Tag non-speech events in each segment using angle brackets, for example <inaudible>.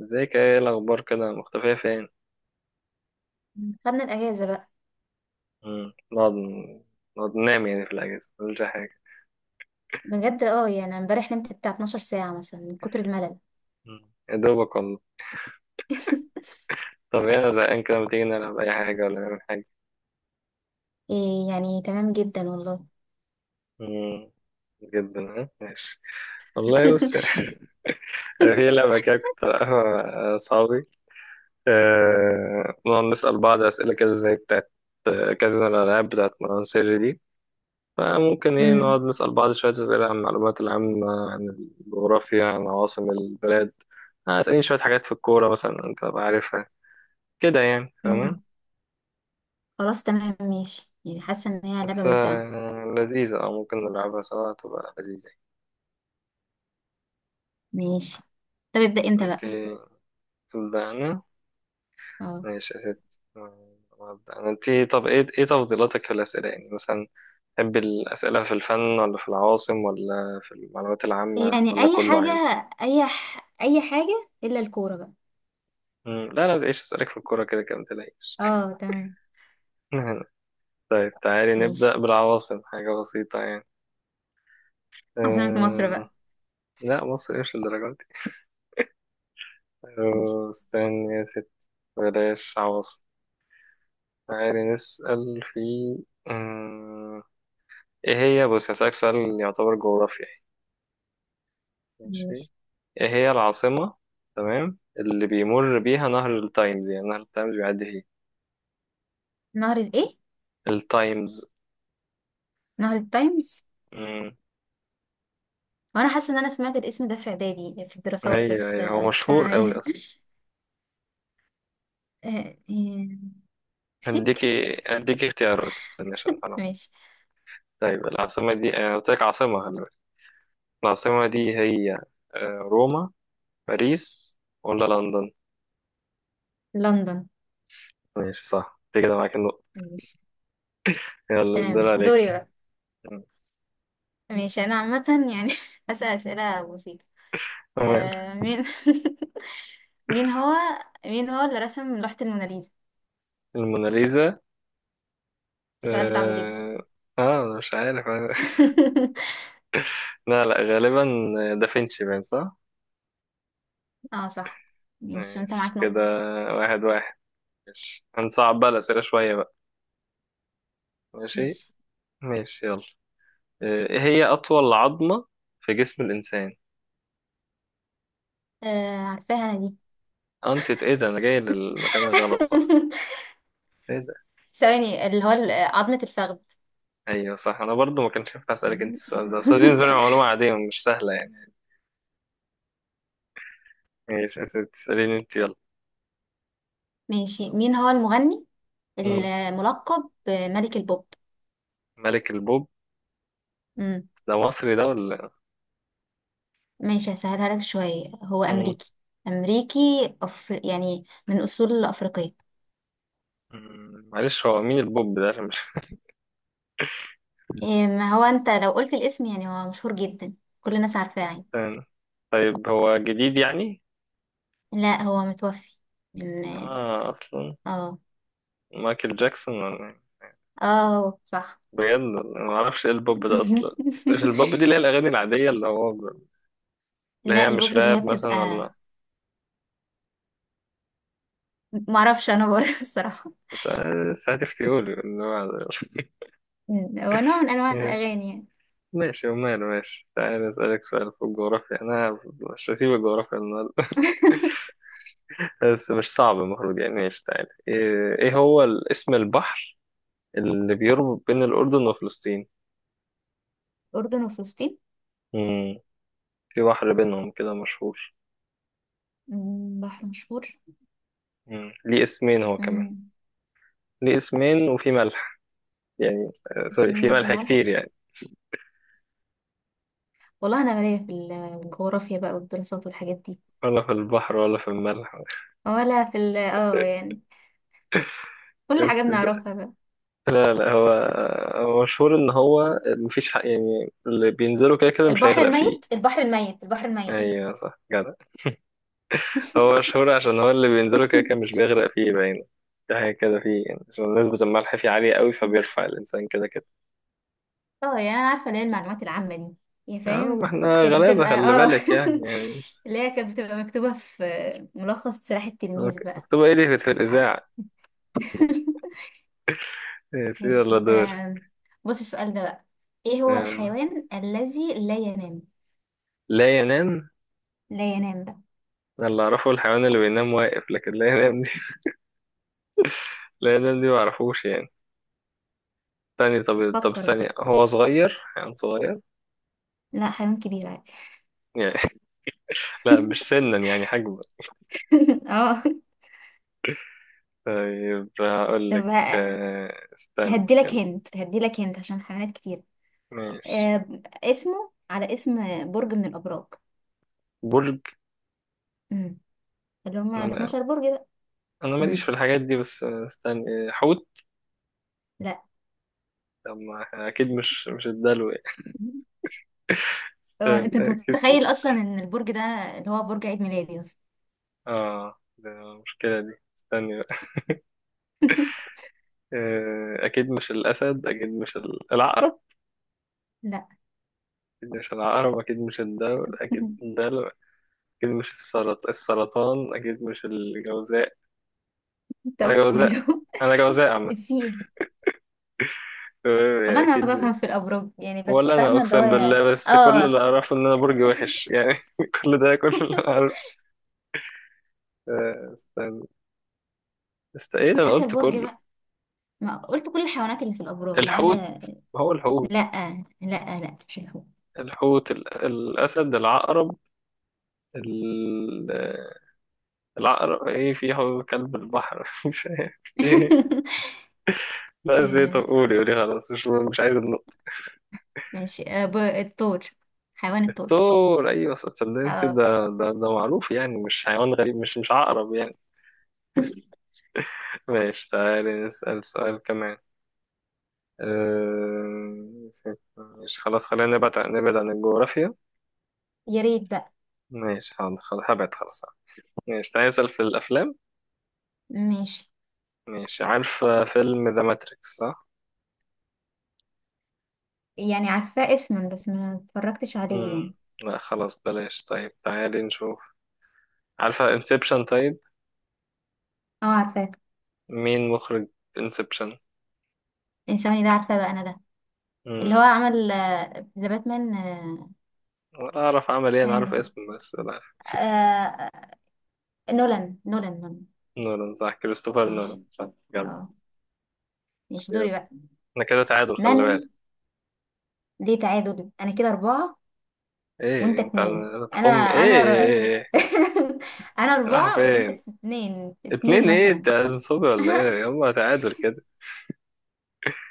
ازيك، ايه الاخبار، كده مختفية فين؟ خدنا الاجازه بقى. مم. نقعد ننام يعني في الاجازة مفيش حاجة؟ بجد يعني امبارح نمت بتاع 12 ساعه مثلا من كتر الملل. مم. يا دوبك والله. <laughs> طب ايه، انا زهقان كده، ما تيجي نلعب اي حاجة ولا نعمل حاجة؟ إيه يعني تمام جدا والله. مم. جدا. ها ماشي. والله بص <laughs> <laughs> أنا في لعبة كده كنت بلعبها مع أصحابي. نقعد نسأل بعض أسئلة كده زي بتاعت. كذا الألعاب بتاعت مروان سري دي. فممكن ايه نقعد امم نسأل بعض شوية أسئلة عن المعلومات العامة، عن الجغرافيا، عن عواصم البلاد. اسألني شوية حاجات في الكورة مثلا، انت بقى عارفها، كده يعني فاهم. امم خلاص تمام ماشي، يعني حاسه ان هي لعبه بس ممتعه. لذيذة، ممكن نلعبها سوا، تبقى لذيذة. ماشي، طب ابدا انت انت بقى. تبدأ انا. اه ماشي يا ست، أبدأ أنا. انت طب ايه تفضيلاتك في الأسئلة، يعني مثلا تحب الأسئلة في الفن ولا في العواصم ولا في المعلومات العامة يعني ولا اي كله حاجه، عادي؟ اي حاجه الا الكوره بقى. مم، لا لا، تعيش أسألك في الكورة كده كده متلاقيش. اه تمام. <laughs> طيب تعالي ماشي نبدأ بالعواصم، حاجة بسيطة يعني. عاصمه مصر أه... بقى. لا، مصر مش للدرجة دي. ماشي. استني يا ست. بلاش عواصم. تعالي نسأل في أه... ايه هي. بص هسألك سؤال يعتبر جغرافيا يعني. ماشي. ماشي. ايه هي العاصمة تمام اللي بيمر بيها نهر التايمز؟ يعني نهر التايمز بيعدي فيه. نهر الايه؟ التايمز. نهر التايمز. مم. وانا حاسه ان انا سمعت الاسم ده في اعدادي في الدراسات ايوه بس ايوه، هو مشهور أوي أصلا. آه. <laughs> مكسيك. هديكي اختيارات، استني عشان أعرف. ماشي. طيب العاصمة دي أنا قلت لك عاصمة، خلي. العاصمة دي هي روما، باريس، ولا لندن؟ لندن. ماشي صح، انت كده معاك النقطة. ماشي. يلا الدور تمام دوري عليك. بقى. ماشي انا عامة، يعني <laughs> هسأل اسئلة بسيطة. تمام. مين <laughs> مين هو مين هو اللي رسم لوحة الموناليزا؟ الموناليزا. سؤال صعب جدا. اه. أنا مش عارف. <laughs> <laughs> لا لا، غالبا دافنشي، باين صح. اه صح. ماشي وانت ماشي معاك كده. نقطة. 1-1. ماشي، هنصعب بقى الأسئلة شوية بقى. ماشي. ماشي. ماشي يلا. ايه هي أطول عظمة في جسم الإنسان؟ عارفاها انا دي. <laughs> انت ايه ده، انا جاي للمكان الغلط صح. ايه؟ ثواني، اللي هو عظمة الفخذ. ايوه صح، انا برضو ما كنتش ينفع اسالك انت السؤال ده، بس دي بالنسبه لي <laughs> معلومه عاديه مش سهله يعني. ماشي يا ستي، تساليني انت يلا. ماشي. مين هو المغني مم. الملقب بملك البوب؟ ملك البوب. ده مصري ده ولا؟ ماشي هسهلها لك شوية، هو مم. أمريكي. أمريكي. يعني من أصول أفريقية. مم. معلش هو مين البوب ده عشان مش. إيه، ما هو أنت لو قلت الاسم يعني هو مشهور جدا، كل الناس عارفاه <laughs> يعني. استنى. طيب هو جديد يعني؟ لا هو متوفي من. اه اصلا. اه. مايكل جاكسون ولا إيه؟ اه صح. بجد أنا ما اعرفش ايه البوب ده اصلا. مش البوب دي <laughs> اللي هي الاغاني العاديه اللي هو. اللي لا هي مش البوب اللي هي راب مثلا بتبقى. ولا. معرفش أنا برضه، <laughs> الصراحة. بس هتفتيولي اللي هو. هو نوع من أنواع <laughs> الأغاني يعني. ماشي وماله. ماشي تعالى أسألك سؤال في الجغرافيا، أنا مش هسيب الجغرافيا النهاردة. <laughs> <laughs> بس مش صعب، المفروض يعني. ماشي تعالى، إيه هو اسم البحر اللي بيربط بين الأردن وفلسطين؟ أردن وفلسطين. مم. في بحر بينهم كده مشهور. بحر مشهور. مم، ليه اسمين هو كمان. مم، ليه اسمين وفي ملح، يعني سوري، اسمين في وفي ملح ملح. كتير يعني. والله أنا مالية في الجغرافيا بقى والدراسات والحاجات دي. ولا في البحر ولا في الملح. ولا في ال يعني كل حاجة بس ده- بنعرفها بقى. لا لا، هو مشهور إن هو مفيش حق، يعني اللي بينزلوا كده كده مش البحر هيغرق فيه. الميت، البحر الميت، البحر الميت. أيوة صح، جدع. هو شهور عشان هو اللي بينزله كده كده <laughs> مش بيغرق فيه، باين ده حاجة كده فيه، يعني عشان نسبة الملح فيه عالية قوي فبيرفع الإنسان كده كده. اه يعني انا عارفة اللي هي المعلومات العامة دي، يا اه، فاهم. ما احنا كانت غلابة، بتبقى خلي اه بالك يعني. <laughs> اللي هي كانت بتبقى مكتوبة في ملخص سلاح التلميذ أوكي. بقى. مكتوبة ايه دي في عارفة. الإذاعة. <laughs> يا سيدي الله ماشي دور. بص السؤال ده بقى، ايه هو آه. الحيوان الذي لا ينام؟ لا ينام؟ لا ينام بقى. أنا اللي أعرفه الحيوان اللي بينام واقف، لكن لا ينام دي <laughs> لا ينام دي معرفوش يعني. تاني، طب فكر بقى. استني، هو صغير، حيوان صغير لا حيوان كبير عادي. يعني؟ <laughs> لا مش <laughs> سنا يعني، حجما. اه. طيب هقول طب لك استنى. هديلك هنت عشان حيوانات كتير. ماشي. آه، اسمه على اسم برج من الابراج. برج. امم، اللي هم ال نعم. 12 برج بقى. انا ماليش امم. في الحاجات دي، بس استنى، حوت. لا. طب ما اكيد مش الدلو يعني. هو استنى انت أنت اكيد. متخيل اصلا ان البرج ده اللي هو برج عيد ميلادي اصلا. اه ده المشكله دي. استنى بقى. <laughs> اكيد مش الاسد، اكيد مش العقرب. لا. اكيد مش العقرب، اكيد مش الدلو، اكيد <laughs> الدلو. اكيد مش السرطان، اكيد مش الجوزاء. انت انا قلت كل جوزاء. يوم. انا جوزاء <laughs> عامه. في ايه؟ والله انا ما اكيد. بفهم في الابراج يعني، بس ولا انا فاهمه اللي هو اقسم بالله، بس كل اللي اه. اعرفه ان انا برج وحش <laughs> يعني. <laughs> كل اللي اعرفه. استنى. ايه ده، انا اخر قلت برج كله. بقى، ما قلت كل الحيوانات اللي في الابراج ما الحوت. عدا. هو الحوت. لا لا لا مش هو. الحوت، الأسد، العقرب، ال- العقرب، ايه، في هو كلب البحر <laughs> مش عارف ايه. <laughs> لا زيت، قولي قولي، خلاص مش عايز النقطة. ماشي آه، الثور، حيوان الثور. الثور، ايوه صدقني اه. ده معروف يعني، مش حيوان غريب، مش عقرب يعني. ماشي تعالي نسأل سؤال كمان. أه... مش خلاص، خلينا نبعد عن الجغرافيا. يا ريت بقى. ماشي حاضر، خلاص هبعد، خلاص. ماشي تعالي نسأل في الأفلام. ماشي، ماشي، عارف فيلم ذا ماتريكس صح؟ يعني عارفاه اسما بس ما اتفرجتش عليه يعني. مم. لا خلاص بلاش، طيب تعالي نشوف. عارفة انسبشن؟ طيب، اه عارفاه. مين مخرج انسبشن؟ ثواني ده عارفاه بقى انا ده، اللي هو امم. عمل ذا باتمان. ولا اعرف عمل ايه، انا عارف ثانية. اسمه بس لا أعرف. آه، نولان نولان. نولان، صح كريستوفر ماشي. نولان، صح، جامد. اه. ماشي يلا. دوري بقى. احنا كده تعادل خلي بالك. من ليه تعادل، انا كده اربعة وانت انت اتنين. انا هتخم انا ر... ايه؟ <laughs> انا راح اربعة وانت فين؟ اتنين اتنين، اتنين ايه، مثلا. تنصبي ولا ايه، هما تعادل كده.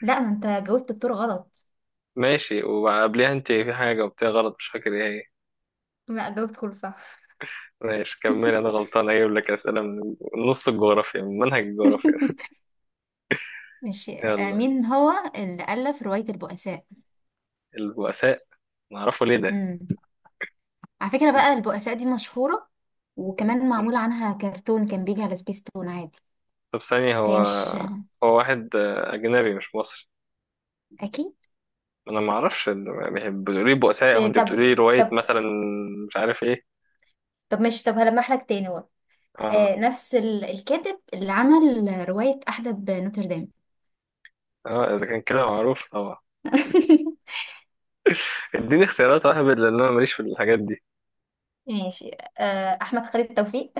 لا ما انت جاوبت الدور غلط. ماشي، وقبليها انت في حاجة وبتاع غلط، مش فاكر ايه هي. لا جاوبت كله صح. ماشي كملي، انا غلطان، اجيب لك اسئلة من نص الجغرافيا، من منهج الجغرافيا. <laughs> ماشي آه، يلا. مين هو اللي ألف رواية البؤساء؟ البؤساء. نعرفه ليه ده. امم. على فكرة بقى البؤساء دي مشهورة، وكمان مم. معمول عنها كرتون كان بيجي على سبيس تون عادي. طب ثانية. هو فهي مش هو واحد أجنبي مش مصري؟ أكيد. أنا ما أعرفش. بتقولي بؤساء أو إيه أنت طب بتقولي رواية طب مثلا. مش عارف إيه. طب ماشي، طب هلمح لك تاني بقى. آه آه. نفس الكاتب اللي عمل رواية أحدب نوتردام. إذا كان كده معروف طبعا. <laughs> إديني اختيارات واحد، لأن أنا ماليش في الحاجات دي. ماشي آه، احمد خالد توفيق،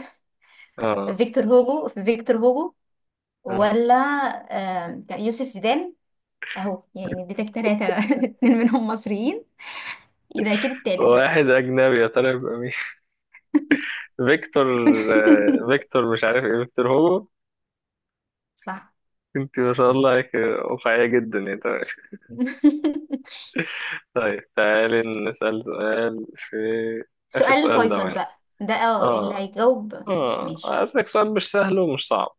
آه. فيكتور هوجو، آه ولا آه كان يوسف زيدان. اهو يعني اديتك تلاتة <laughs> اتنين منهم مصريين، يبقى اكيد التالت بقى. واحد أجنبي يا ترى يبقى مين؟ <laughs> فيكتور. <laughs> فيكتور مش عارف إيه، فيكتور هو. صح. أنت ما شاء الله عليك، واقعية جدا يعني. طيب. <laughs> طيب، تعالي نسأل سؤال في آخر سؤال سؤال ده فيصل معانا. بقى ده اه اللي اه. هيجاوب. ماشي. أسألك سؤال مش سهل ومش صعب.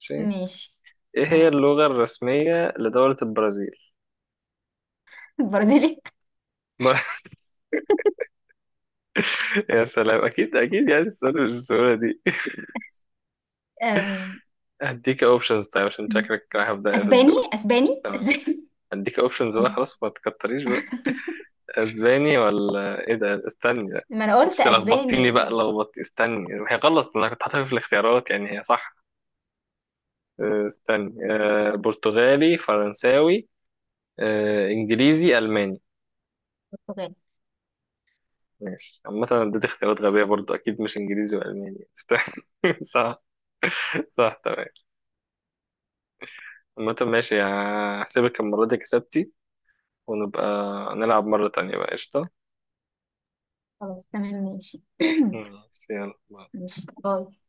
ماشي. ماشي. إيه هي تمام. اللغة الرسمية لدولة البرازيل؟ برازيلي. <laughs> يا سلام، أكيد أكيد يعني السؤال مش السهولة دي. أم، هديك أوبشنز طيب عشان شكلك رايح بداية في الدول. تمام. اسباني. هديك أوبشنز بقى، بت- خلاص ما تكتريش بقى. <laughs> أسباني ولا إيه ده، استني ده. ما انا قلت بس لخبطتيني اسباني. بقى، استني. هي غلط، أنا كنت حاططها في الاختيارات، يعني هي صح. استني. برتغالي، فرنساوي، إنجليزي، ألماني. برتغالي. ماشي، عامة اديت اختيارات غبية برضه، أكيد مش إنجليزي وألماني، <laughs> صح. صح تمام. عامة ماشي، هحسبك المرة دي كسبتي، ونبقى نلعب مرة تانية بقى، قشطة. خلاص تمام ماشي. ماشي، يلا. <clears throat> ماشي باي.